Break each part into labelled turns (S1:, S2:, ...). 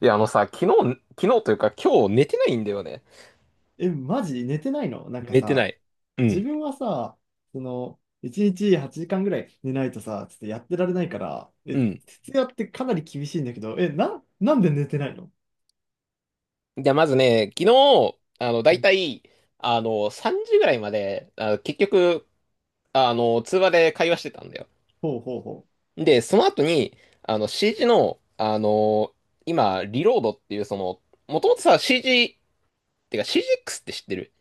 S1: いや、あのさ、昨日というか今日寝てないんだよね。
S2: マジ寝てないの？なんか
S1: 寝てな
S2: さ、
S1: い。う
S2: 自
S1: ん。
S2: 分はさ、1日8時間ぐらい寝ないとさ、ちょっとやってられないから、
S1: うん。
S2: 徹夜ってかなり厳しいんだけど、なんで寝てないの？
S1: じゃあまずね、昨日、だ
S2: う
S1: い
S2: ん。
S1: たい、3時ぐらいまで、結局、通話で会話してたんだよ。
S2: ほうほうほう。
S1: で、その後に、CG の、今、リロードっていう、その、もともとさ、CG、ってか CGX って知ってる？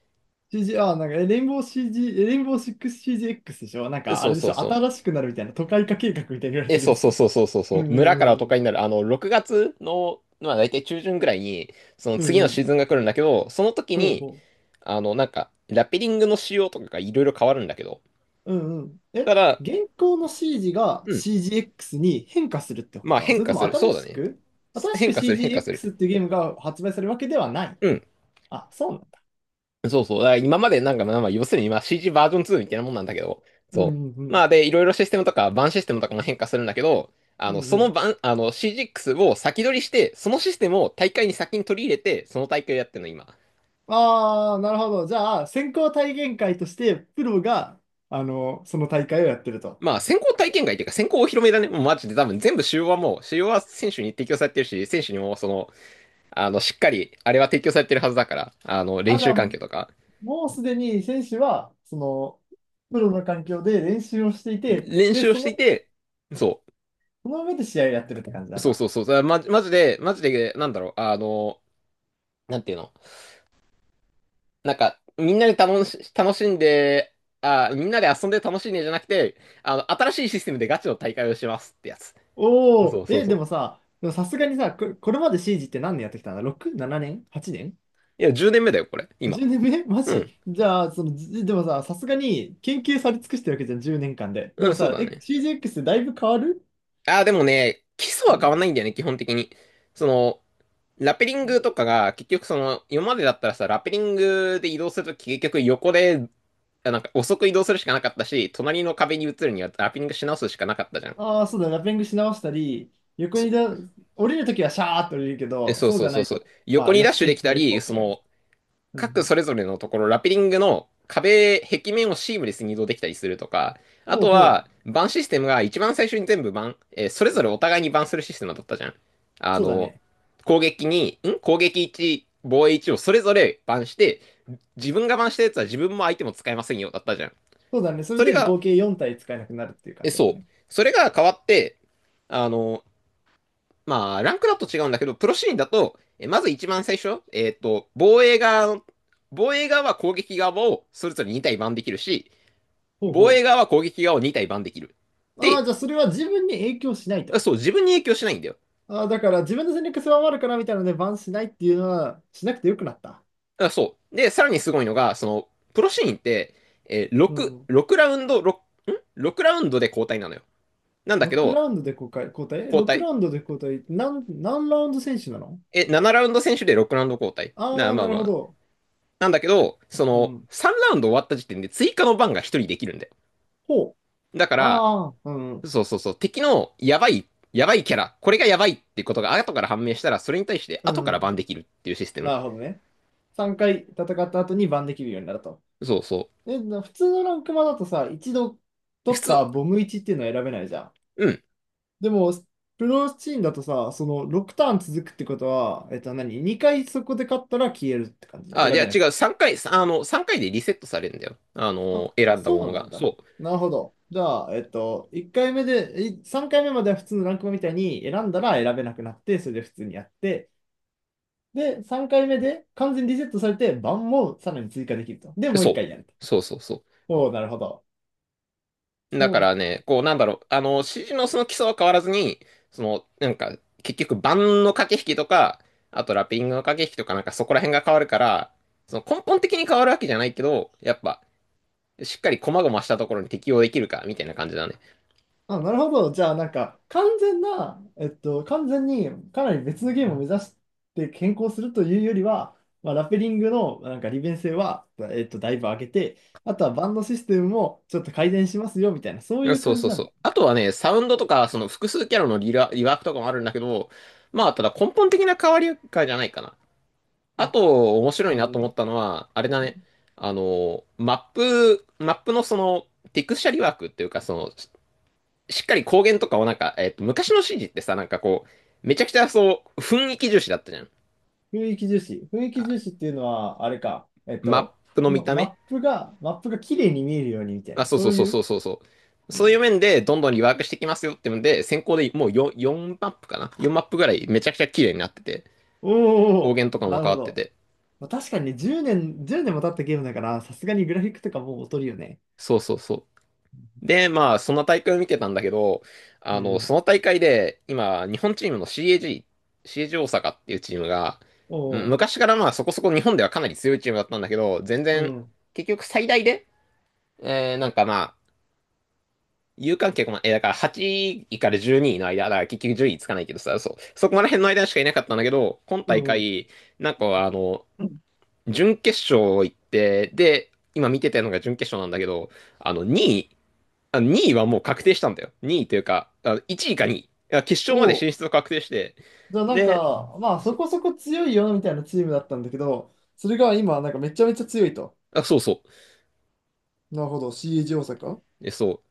S2: シージーあ、なんか、えレインボー CG、えレインボー 6CGX でしょ？なんか、あ
S1: そう
S2: れで
S1: そ
S2: し
S1: う
S2: ょ？
S1: そう。
S2: 新しくなるみたいな、都会化計画みたいに言われ
S1: え、
S2: てる
S1: そ
S2: や
S1: うそう
S2: つ。
S1: そうそうそう
S2: う
S1: そ
S2: ん
S1: う。
S2: うん
S1: 村
S2: う
S1: から
S2: んう
S1: 都
S2: ん。
S1: 会になる。6月の、まあ大体中旬ぐらいに、その
S2: うん
S1: 次の
S2: う
S1: シー
S2: ん。
S1: ズンが来るんだけど、その時
S2: ほう
S1: に、
S2: ほう。
S1: なんか、ラペリングの仕様とかがいろいろ変わるんだけど。
S2: うんうん。
S1: ただ、
S2: 現行の CG が
S1: うん。
S2: CGX に変化するってこ
S1: まあ
S2: と？なの
S1: 変
S2: それ
S1: 化
S2: とも
S1: する。そ
S2: 新
S1: うだ
S2: し
S1: ね。
S2: く新し
S1: 変
S2: く
S1: 化する、変化する。
S2: CGX っていうゲームが発売されるわけではない？
S1: うん。
S2: あ、そうなんだ。
S1: そうそう。だから今までなんか、まあ、まあ要するにまあ CG バージョン2みたいなもんなんだけど。
S2: うんう
S1: そ
S2: んう
S1: う。ま
S2: ん。
S1: あで、いろいろシステムとか、バンシステムとかも変化するんだけど、
S2: うんう
S1: その
S2: ん。
S1: 版、CGX を先取りして、そのシステムを大会に先に取り入れて、その大会をやってるの、今。
S2: ああ、なるほど。じゃあ、先行体験会として、プロが、その大会をやってると。
S1: まあ、先行体験会っていうか、先行お披露目だね。もうマジで多分全部主要はもう、主要は選手に提供されてるし、選手にもその、しっかり、あれは提供されてるはずだから、練
S2: あ、じゃ
S1: 習
S2: あ、
S1: 環境とか、
S2: もうすでに選手は、プロの環境で練習をしていて、
S1: 練
S2: で、
S1: 習をしていて、そ
S2: その上で試合をやってるって感じ
S1: う、
S2: なん
S1: そう
S2: だ。
S1: そうそう、だマジマジで、マジで、なんだろう、あの、なんていうの、なんか、みんなで楽し、楽しんで、あ、みんなで遊んで楽しいねじゃなくて、新しいシステムでガチの大会をしますってやつ。そ
S2: おお、
S1: うそうそう。
S2: でもさすがにさ、これまでシージって何年やってきたんだ？ 6、7年？ 8 年？
S1: いや、10年目だよ、これ、今。
S2: 10 年目？ マ
S1: うん。
S2: ジじゃあ、でもさ、さすがに研究され尽くしてるわけじゃん、10年間で。で
S1: う
S2: も
S1: ん、そう
S2: さ、
S1: だね。
S2: CGX だいぶ変わる？
S1: ああ、でもね、基礎は変わんないんだよね、基本的に。その、ラペリングとかが、結局その、今までだったらさ、ラペリングで移動するとき、結局横で、あなんか遅く移動するしかなかったし、隣の壁に移るにはラペリングし直すしかなかったじゃん。
S2: ああー、そうだ、ラッピングし直したり、横
S1: そ、
S2: にだ、降りるときはシャーっと降りるけ
S1: え、
S2: ど、
S1: そう
S2: そう
S1: そ
S2: じ
S1: う
S2: ゃな
S1: そう
S2: い
S1: そ
S2: と。
S1: う。
S2: ま
S1: 横
S2: あ、
S1: に
S2: よ
S1: ダッ
S2: し、
S1: シュできた
S2: F4、
S1: り、
S2: F4 っ
S1: そ
S2: て感じ。
S1: の、
S2: うんう
S1: 各
S2: ん。
S1: それぞれのところ、ラピリングの壁、壁面をシームレスに移動できたりするとか、あ
S2: ほう
S1: と
S2: ほう。
S1: は、バンシステムが一番最初に全部バン、えーそれぞれお互いにバンするシステムだったじゃん。あ
S2: そうだ
S1: の、
S2: ね。
S1: 攻撃に、攻撃1、防衛1をそれぞれバンして、自分がバンしたやつは自分も相手も使えませんよ、だったじゃん。
S2: そうだね。それ
S1: それ
S2: で
S1: が、
S2: 合計4体使えなくなるっていう感
S1: え、
S2: じだった
S1: そう。
S2: ね。
S1: それが変わって、あの、まあ、ランクだと違うんだけど、プロシーンだと、まず一番最初、防衛側は攻撃側をそれぞれ2体番できるし、
S2: ほう
S1: 防衛
S2: ほ
S1: 側は攻撃側を2体番できる。
S2: う。ああ、
S1: で、
S2: じゃあそれは自分に影響しないと。
S1: そう、自分に影響しないんだよ。
S2: あー、だから自分の戦略狭まるからみたいなのでバンしないっていうのはしなくてよくなった。
S1: あそう。で、さらにすごいのが、その、プロシーンって、えー、
S2: う
S1: 6、
S2: ん。
S1: 6ラウンド、6 ラウンドで交代なのよ。なんだけ
S2: 6
S1: ど、
S2: ラウンドで交代、交代？え？
S1: 交
S2: 6
S1: 代。
S2: ラウンドで交代、何ラウンド選手なの？
S1: え、7ラウンド選手で6ラウンド交代。
S2: ああー、
S1: ま
S2: な
S1: あ
S2: る
S1: ま
S2: ほ
S1: あ。
S2: ど。
S1: なんだけど、そ
S2: う
S1: の、
S2: ん。
S1: 3ラウンド終わった時点で追加の番が1人できるんだよ。
S2: ほう。
S1: だから、
S2: ああ、うん。
S1: そうそうそう、敵のやばい、やばいキャラ、これがやばいってことが後から判明したら、それに対して
S2: う
S1: 後からバ
S2: ん。
S1: ンできるっていうシステム。
S2: なるほどね。3回戦った後にバンできるようになると。
S1: そうそ
S2: で、普通のランクマだとさ、一度
S1: う。
S2: 取
S1: 普
S2: っ
S1: 通、
S2: たボム1っていうのは選べないじゃん。
S1: うん。
S2: でも、プロチームだとさ、その6ターン続くってことは、何？ 2 回そこで勝ったら消えるって感じ？選
S1: あ、じゃ
S2: べな
S1: あ
S2: い？
S1: 違う、3回でリセットされるんだよ。
S2: あ、
S1: 選んだも
S2: そ
S1: の
S2: うな
S1: が。
S2: んだ。
S1: そ
S2: なるほど。じゃあ、1回目で、3回目までは普通のランクマみたいに選んだら選べなくなって、それで普通にやって、で、3回目で完全にリセットされて、番もさらに追加できると。で、
S1: う。
S2: もう1
S1: そ
S2: 回やると。
S1: う。そうそうそ
S2: おお、なるほど。
S1: う。だか
S2: そう。
S1: らね、こう、指示のその基礎は変わらずに、その、なんか、結局、盤の駆け引きとか、あとラッピングの駆け引きとか、なんかそこら辺が変わるから、その根本的に変わるわけじゃないけど、やっぱ、しっかり細々したところに適応できるか、みたいな感じだね。
S2: あ、なるほど。じゃあ、なんか、完全にかなり別のゲームを目指して変更するというよりは、まあ、ラペリングのなんか利便性は、だいぶ上げて、あとはバンドシステムもちょっと改善しますよみたいな、そういう
S1: そう
S2: 感
S1: そ
S2: じ
S1: う
S2: な
S1: そ
S2: の？
S1: う。あとはね、サウンドとか、その複数キャラのリラリワークとかもあるんだけど、まあ、ただ根本的な変わりかじゃないかな。あ
S2: あ、
S1: と、面白
S2: う
S1: いなと思
S2: ん。
S1: ったのは、あれだね。マップのその、テクスチャリワークっていうか、その、しっかり光源とかをなんか、昔の CG ってさ、なんかこう、めちゃくちゃそう、雰囲気重視だったじゃん。
S2: 雰囲気重視。雰囲
S1: あ
S2: 気重視っていうのは、あれか。
S1: マップの見た目
S2: マップが綺麗に見えるようにみたい
S1: あ、
S2: な、
S1: そうそ
S2: そ
S1: う
S2: う
S1: そう
S2: い
S1: そ
S2: う。
S1: うそうそう。
S2: う
S1: そういう
S2: ん、
S1: 面でどんどんリワークしてきますよってので、先行でもう 4マップかな？ 4 マップぐらいめちゃくちゃ綺麗になってて、
S2: おー
S1: 光
S2: お、
S1: 源とか
S2: な
S1: も
S2: る
S1: 変
S2: ほ
S1: わって
S2: ど。
S1: て。
S2: まあ、確かにね、10年、1年も経ったゲームだから、さすがにグラフィックとかもう劣るよね。
S1: そうそうそう。で、まあ、その大会を見てたんだけど、
S2: うん。
S1: その大会で、今、日本チームの CAG、CAG 大阪っていうチームが、
S2: おお、
S1: 昔からまあそこそこ日本ではかなり強いチームだったんだけど、全
S2: う
S1: 然、
S2: ん、
S1: 結局最大で、えー、なんかまあ、有観客も、え、だから8位から12位の間、だから結局10位つかないけどさ、そう、そこら辺の間しかいなかったんだけど、今
S2: う
S1: 大
S2: ん。
S1: 会、なんかあの、
S2: うん。
S1: 準決勝行って、で、今見てたのが準決勝なんだけど、あの、2位、あ、2位はもう確定したんだよ。2位というか、あ、1位か2位。いや決勝
S2: お
S1: まで
S2: お、
S1: 進出を確定して、
S2: じゃあなん
S1: で、
S2: か、まあそ
S1: そ
S2: こそこ強いよみたいなチームだったんだけど、それが今、なんかめちゃめちゃ強いと。
S1: あ、そうそ
S2: なるほど、CAG 大阪。
S1: う。で、そ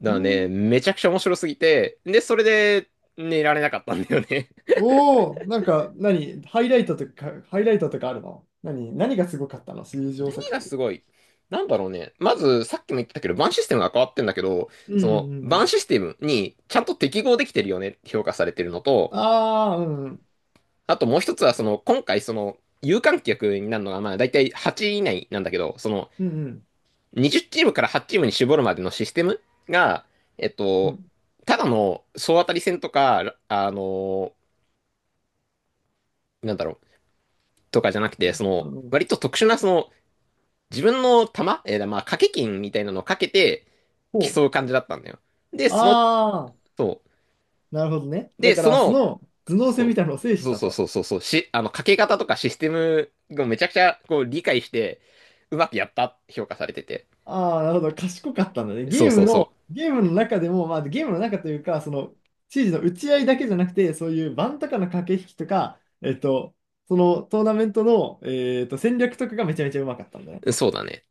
S1: う。だ
S2: う
S1: からね、
S2: ん。
S1: めちゃくちゃ面白すぎて、で、それで寝られなかったんだよね。
S2: おお、なんか、何、ハイライトとかあるの？何がすごかったの？水上
S1: 何
S2: 作っ
S1: が
S2: て。
S1: すごいなんだろうね。まず、さっきも言ったけど、バンシステムが変わってんだけど、
S2: うん
S1: そ
S2: う
S1: の、
S2: んう
S1: バン
S2: ん。
S1: システムにちゃんと適合できてるよねって評価されてるのと、
S2: ああ、うんうん。
S1: あともう一つは、その、今回、その、有観客になるのが、まあ、だいたい8位以内なんだけど、その、
S2: うんうん。
S1: 20チームから8チームに絞るまでのシステムが、えっ
S2: う
S1: と、
S2: ん。
S1: ただの総当たり戦とか、なんだろう、とかじゃなくて、そ
S2: う
S1: の、
S2: ん。
S1: 割と特殊な、その、自分の玉、えーまあ、掛け金みたいなのをかけて
S2: ほう。
S1: 競う感じだったんだよ。で、その、
S2: ああ、
S1: そ
S2: なるほどね。
S1: う。
S2: だ
S1: で、
S2: か
S1: そ
S2: ら、そ
S1: の、
S2: の頭脳戦み
S1: そ
S2: たいなのを制
S1: う、
S2: し
S1: そう
S2: た
S1: そうそ
S2: と。
S1: うそうそう、し、あの、かけ方とかシステムをめちゃくちゃこう理解して、うまくやったって評価されてて。
S2: ああ、なるほど。賢かったんだね。
S1: そ
S2: ゲ
S1: う
S2: ー
S1: そ
S2: ム
S1: うそ
S2: の、ゲームの中でも、まあ、ゲームの中というか、指示の打ち合いだけじゃなくて、そういう盤とかの駆け引きとか、そのトーナメントの、戦略とかがめちゃめちゃうまかったんだね。
S1: う。そうだね。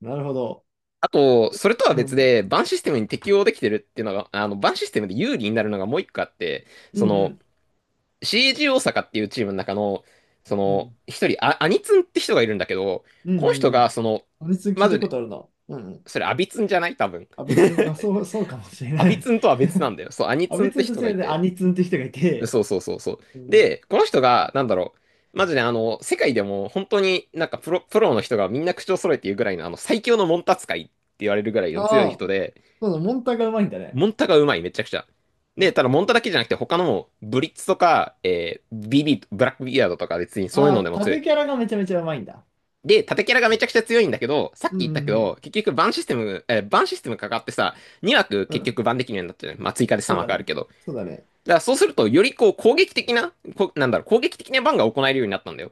S2: なるほど。
S1: あと、それとは
S2: う
S1: 別
S2: ん。
S1: で、バンシステムに適応できてるっていうのが、バンシステムで有利になるのがもう一個あって、
S2: う
S1: そ
S2: んう
S1: の、
S2: ん。
S1: CG 大阪っていうチームの中の、そ
S2: う
S1: の、
S2: ん
S1: 一人、あ、アニツンって人がいるんだけど、
S2: うん
S1: この
S2: うん
S1: 人
S2: うん。
S1: が、その、
S2: アニツン聞
S1: ま
S2: いた
S1: ず
S2: こ
S1: ね、
S2: とあるな。うんうん。
S1: それ、アビツンじゃない多分。
S2: アビあ、そう、そうかもしれ
S1: ア
S2: な
S1: ビ
S2: い。
S1: ツンとは別なんだよ。そう、ア ニ
S2: ア
S1: ツンっ
S2: 別ツ
S1: て
S2: ンとし
S1: 人が
S2: て
S1: い
S2: でア
S1: て。
S2: ニツって人がいて、
S1: そうそうそうそう。
S2: うん。
S1: で、この人が、なんだろう、まずね、世界でも本当にプロの人がみんな口を揃えて言うぐらいの、最強のモンタ使いって言われるぐらいの強い
S2: ああ、
S1: 人で、
S2: そうだ、モンタがうまいんだね。
S1: モンタがうまい、めちゃくちゃ。で、ただモンタだけじゃなくて、他のも、ブリッツとか、えービビ、ブラックビアードとか別にそういう
S2: ああ、
S1: のでも強
S2: 縦
S1: い。
S2: キャラがめちゃめちゃうまいんだ。
S1: で、縦キャラがめちゃくちゃ強いんだけど、さっき
S2: う
S1: 言ったけ
S2: んうん
S1: ど、結局バンシステムかかってさ、2枠
S2: うん。
S1: 結
S2: う
S1: 局
S2: ん、
S1: バンできるようになってる。まあ、追加で
S2: そ
S1: 3
S2: うだ
S1: 枠ある
S2: ね。
S1: けど。
S2: そうだね。
S1: だからそうすると、よりこう攻撃的な、こなんだろう、攻撃的なバンが行えるようになったんだよ。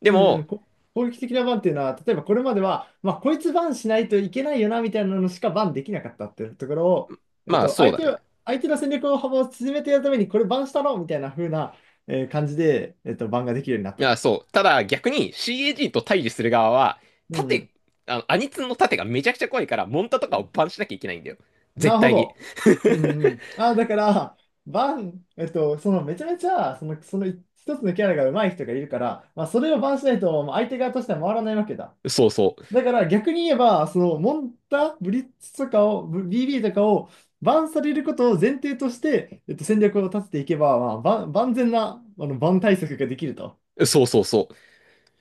S1: で
S2: うんう
S1: も、
S2: ん、攻撃的なバンっていうのは、例えばこれまでは、まあ、こいつバンしないといけないよなみたいなのしかバンできなかったっていうところを、
S1: まあそうだね。
S2: 相手の戦略の幅を縮めてやるために、これバンしたろみたいな風な、感じで、バンができるようになっ
S1: い
S2: た
S1: や、
S2: と。
S1: そう。ただ逆に CAG と対峙する側は、
S2: うんう
S1: 盾、
S2: ん、
S1: アニツンの盾がめちゃくちゃ怖いから、モンタとかをバンしなきゃいけないんだよ。
S2: な
S1: 絶
S2: るほ
S1: 対に。
S2: ど。う んうん。あ、だから、バン、えっと、そのめちゃめちゃ、その、その一つのキャラが上手い人がいるから、まあ、それをバンしないと、まあ相手側としては回らないわけだ。
S1: そうそ
S2: だから逆に言えば、そのモンタ、ブリッツとかを、BB とかをバンされることを前提として、戦略を立てていけば、まあ、万万全なあのバン対策ができると。
S1: う。そうそうそう。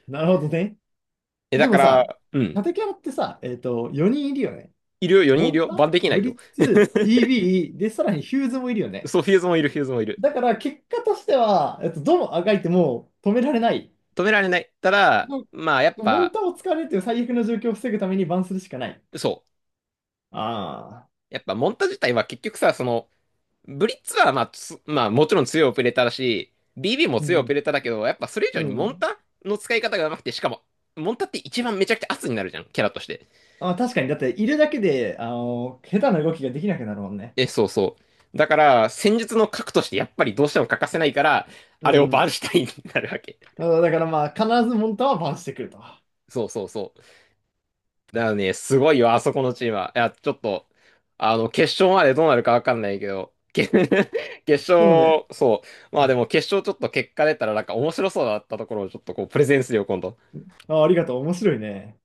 S2: なるほどね。
S1: え、
S2: で
S1: だか
S2: も
S1: ら、
S2: さ、
S1: うん。
S2: 縦キャラってさ、4人いるよね。
S1: いるよ、4人
S2: モ
S1: いる
S2: ン
S1: よ。バ
S2: タ、
S1: ンできな
S2: ブ
S1: い
S2: リ
S1: よ。
S2: ッツ、BB、で、さらにヒューズもいるよね。
S1: そう、フューズもいる、フューズもいる。
S2: だから結果としては、どのあがいても止められない。
S1: 止められない。ただ、まあ、やっ
S2: のモン
S1: ぱ、
S2: タを使われるという最悪の状況を防ぐためにバンするしかない。
S1: そう。
S2: ああ。
S1: やっぱ、モンタ自体は結局さ、その、ブリッツは、まあ、もちろん強いオペレーターだし、BB も
S2: う
S1: 強いオ
S2: ん。
S1: ペレーターだけど、やっぱそれ以
S2: う
S1: 上にモン
S2: ん。
S1: タの使い方が上手くて、しかも、モンタって一番めちゃくちゃ圧になるじゃん、キャラとして。
S2: あ、確かに、だって、いるだけで、下手な動きができなくなるもんね。
S1: え、そうそう。だから、戦術の核としてやっぱりどうしても欠かせないから、
S2: う
S1: あれをバ
S2: ん。
S1: ンシュタインになるわけ。
S2: あ、だからまあ、必ずモンタはバンしてくると。
S1: そうそうそう。だからね、すごいよ、あそこのチームは。いや、ちょっと、決勝までどうなるかわかんないけど、決
S2: そうね。
S1: 勝、そう。ま
S2: う
S1: あで
S2: ん。
S1: も決勝ちょっと結果出たらなんか面白そうだったところをちょっとこう、プレゼンするよ、今度。
S2: あ、ありがとう。面白いね。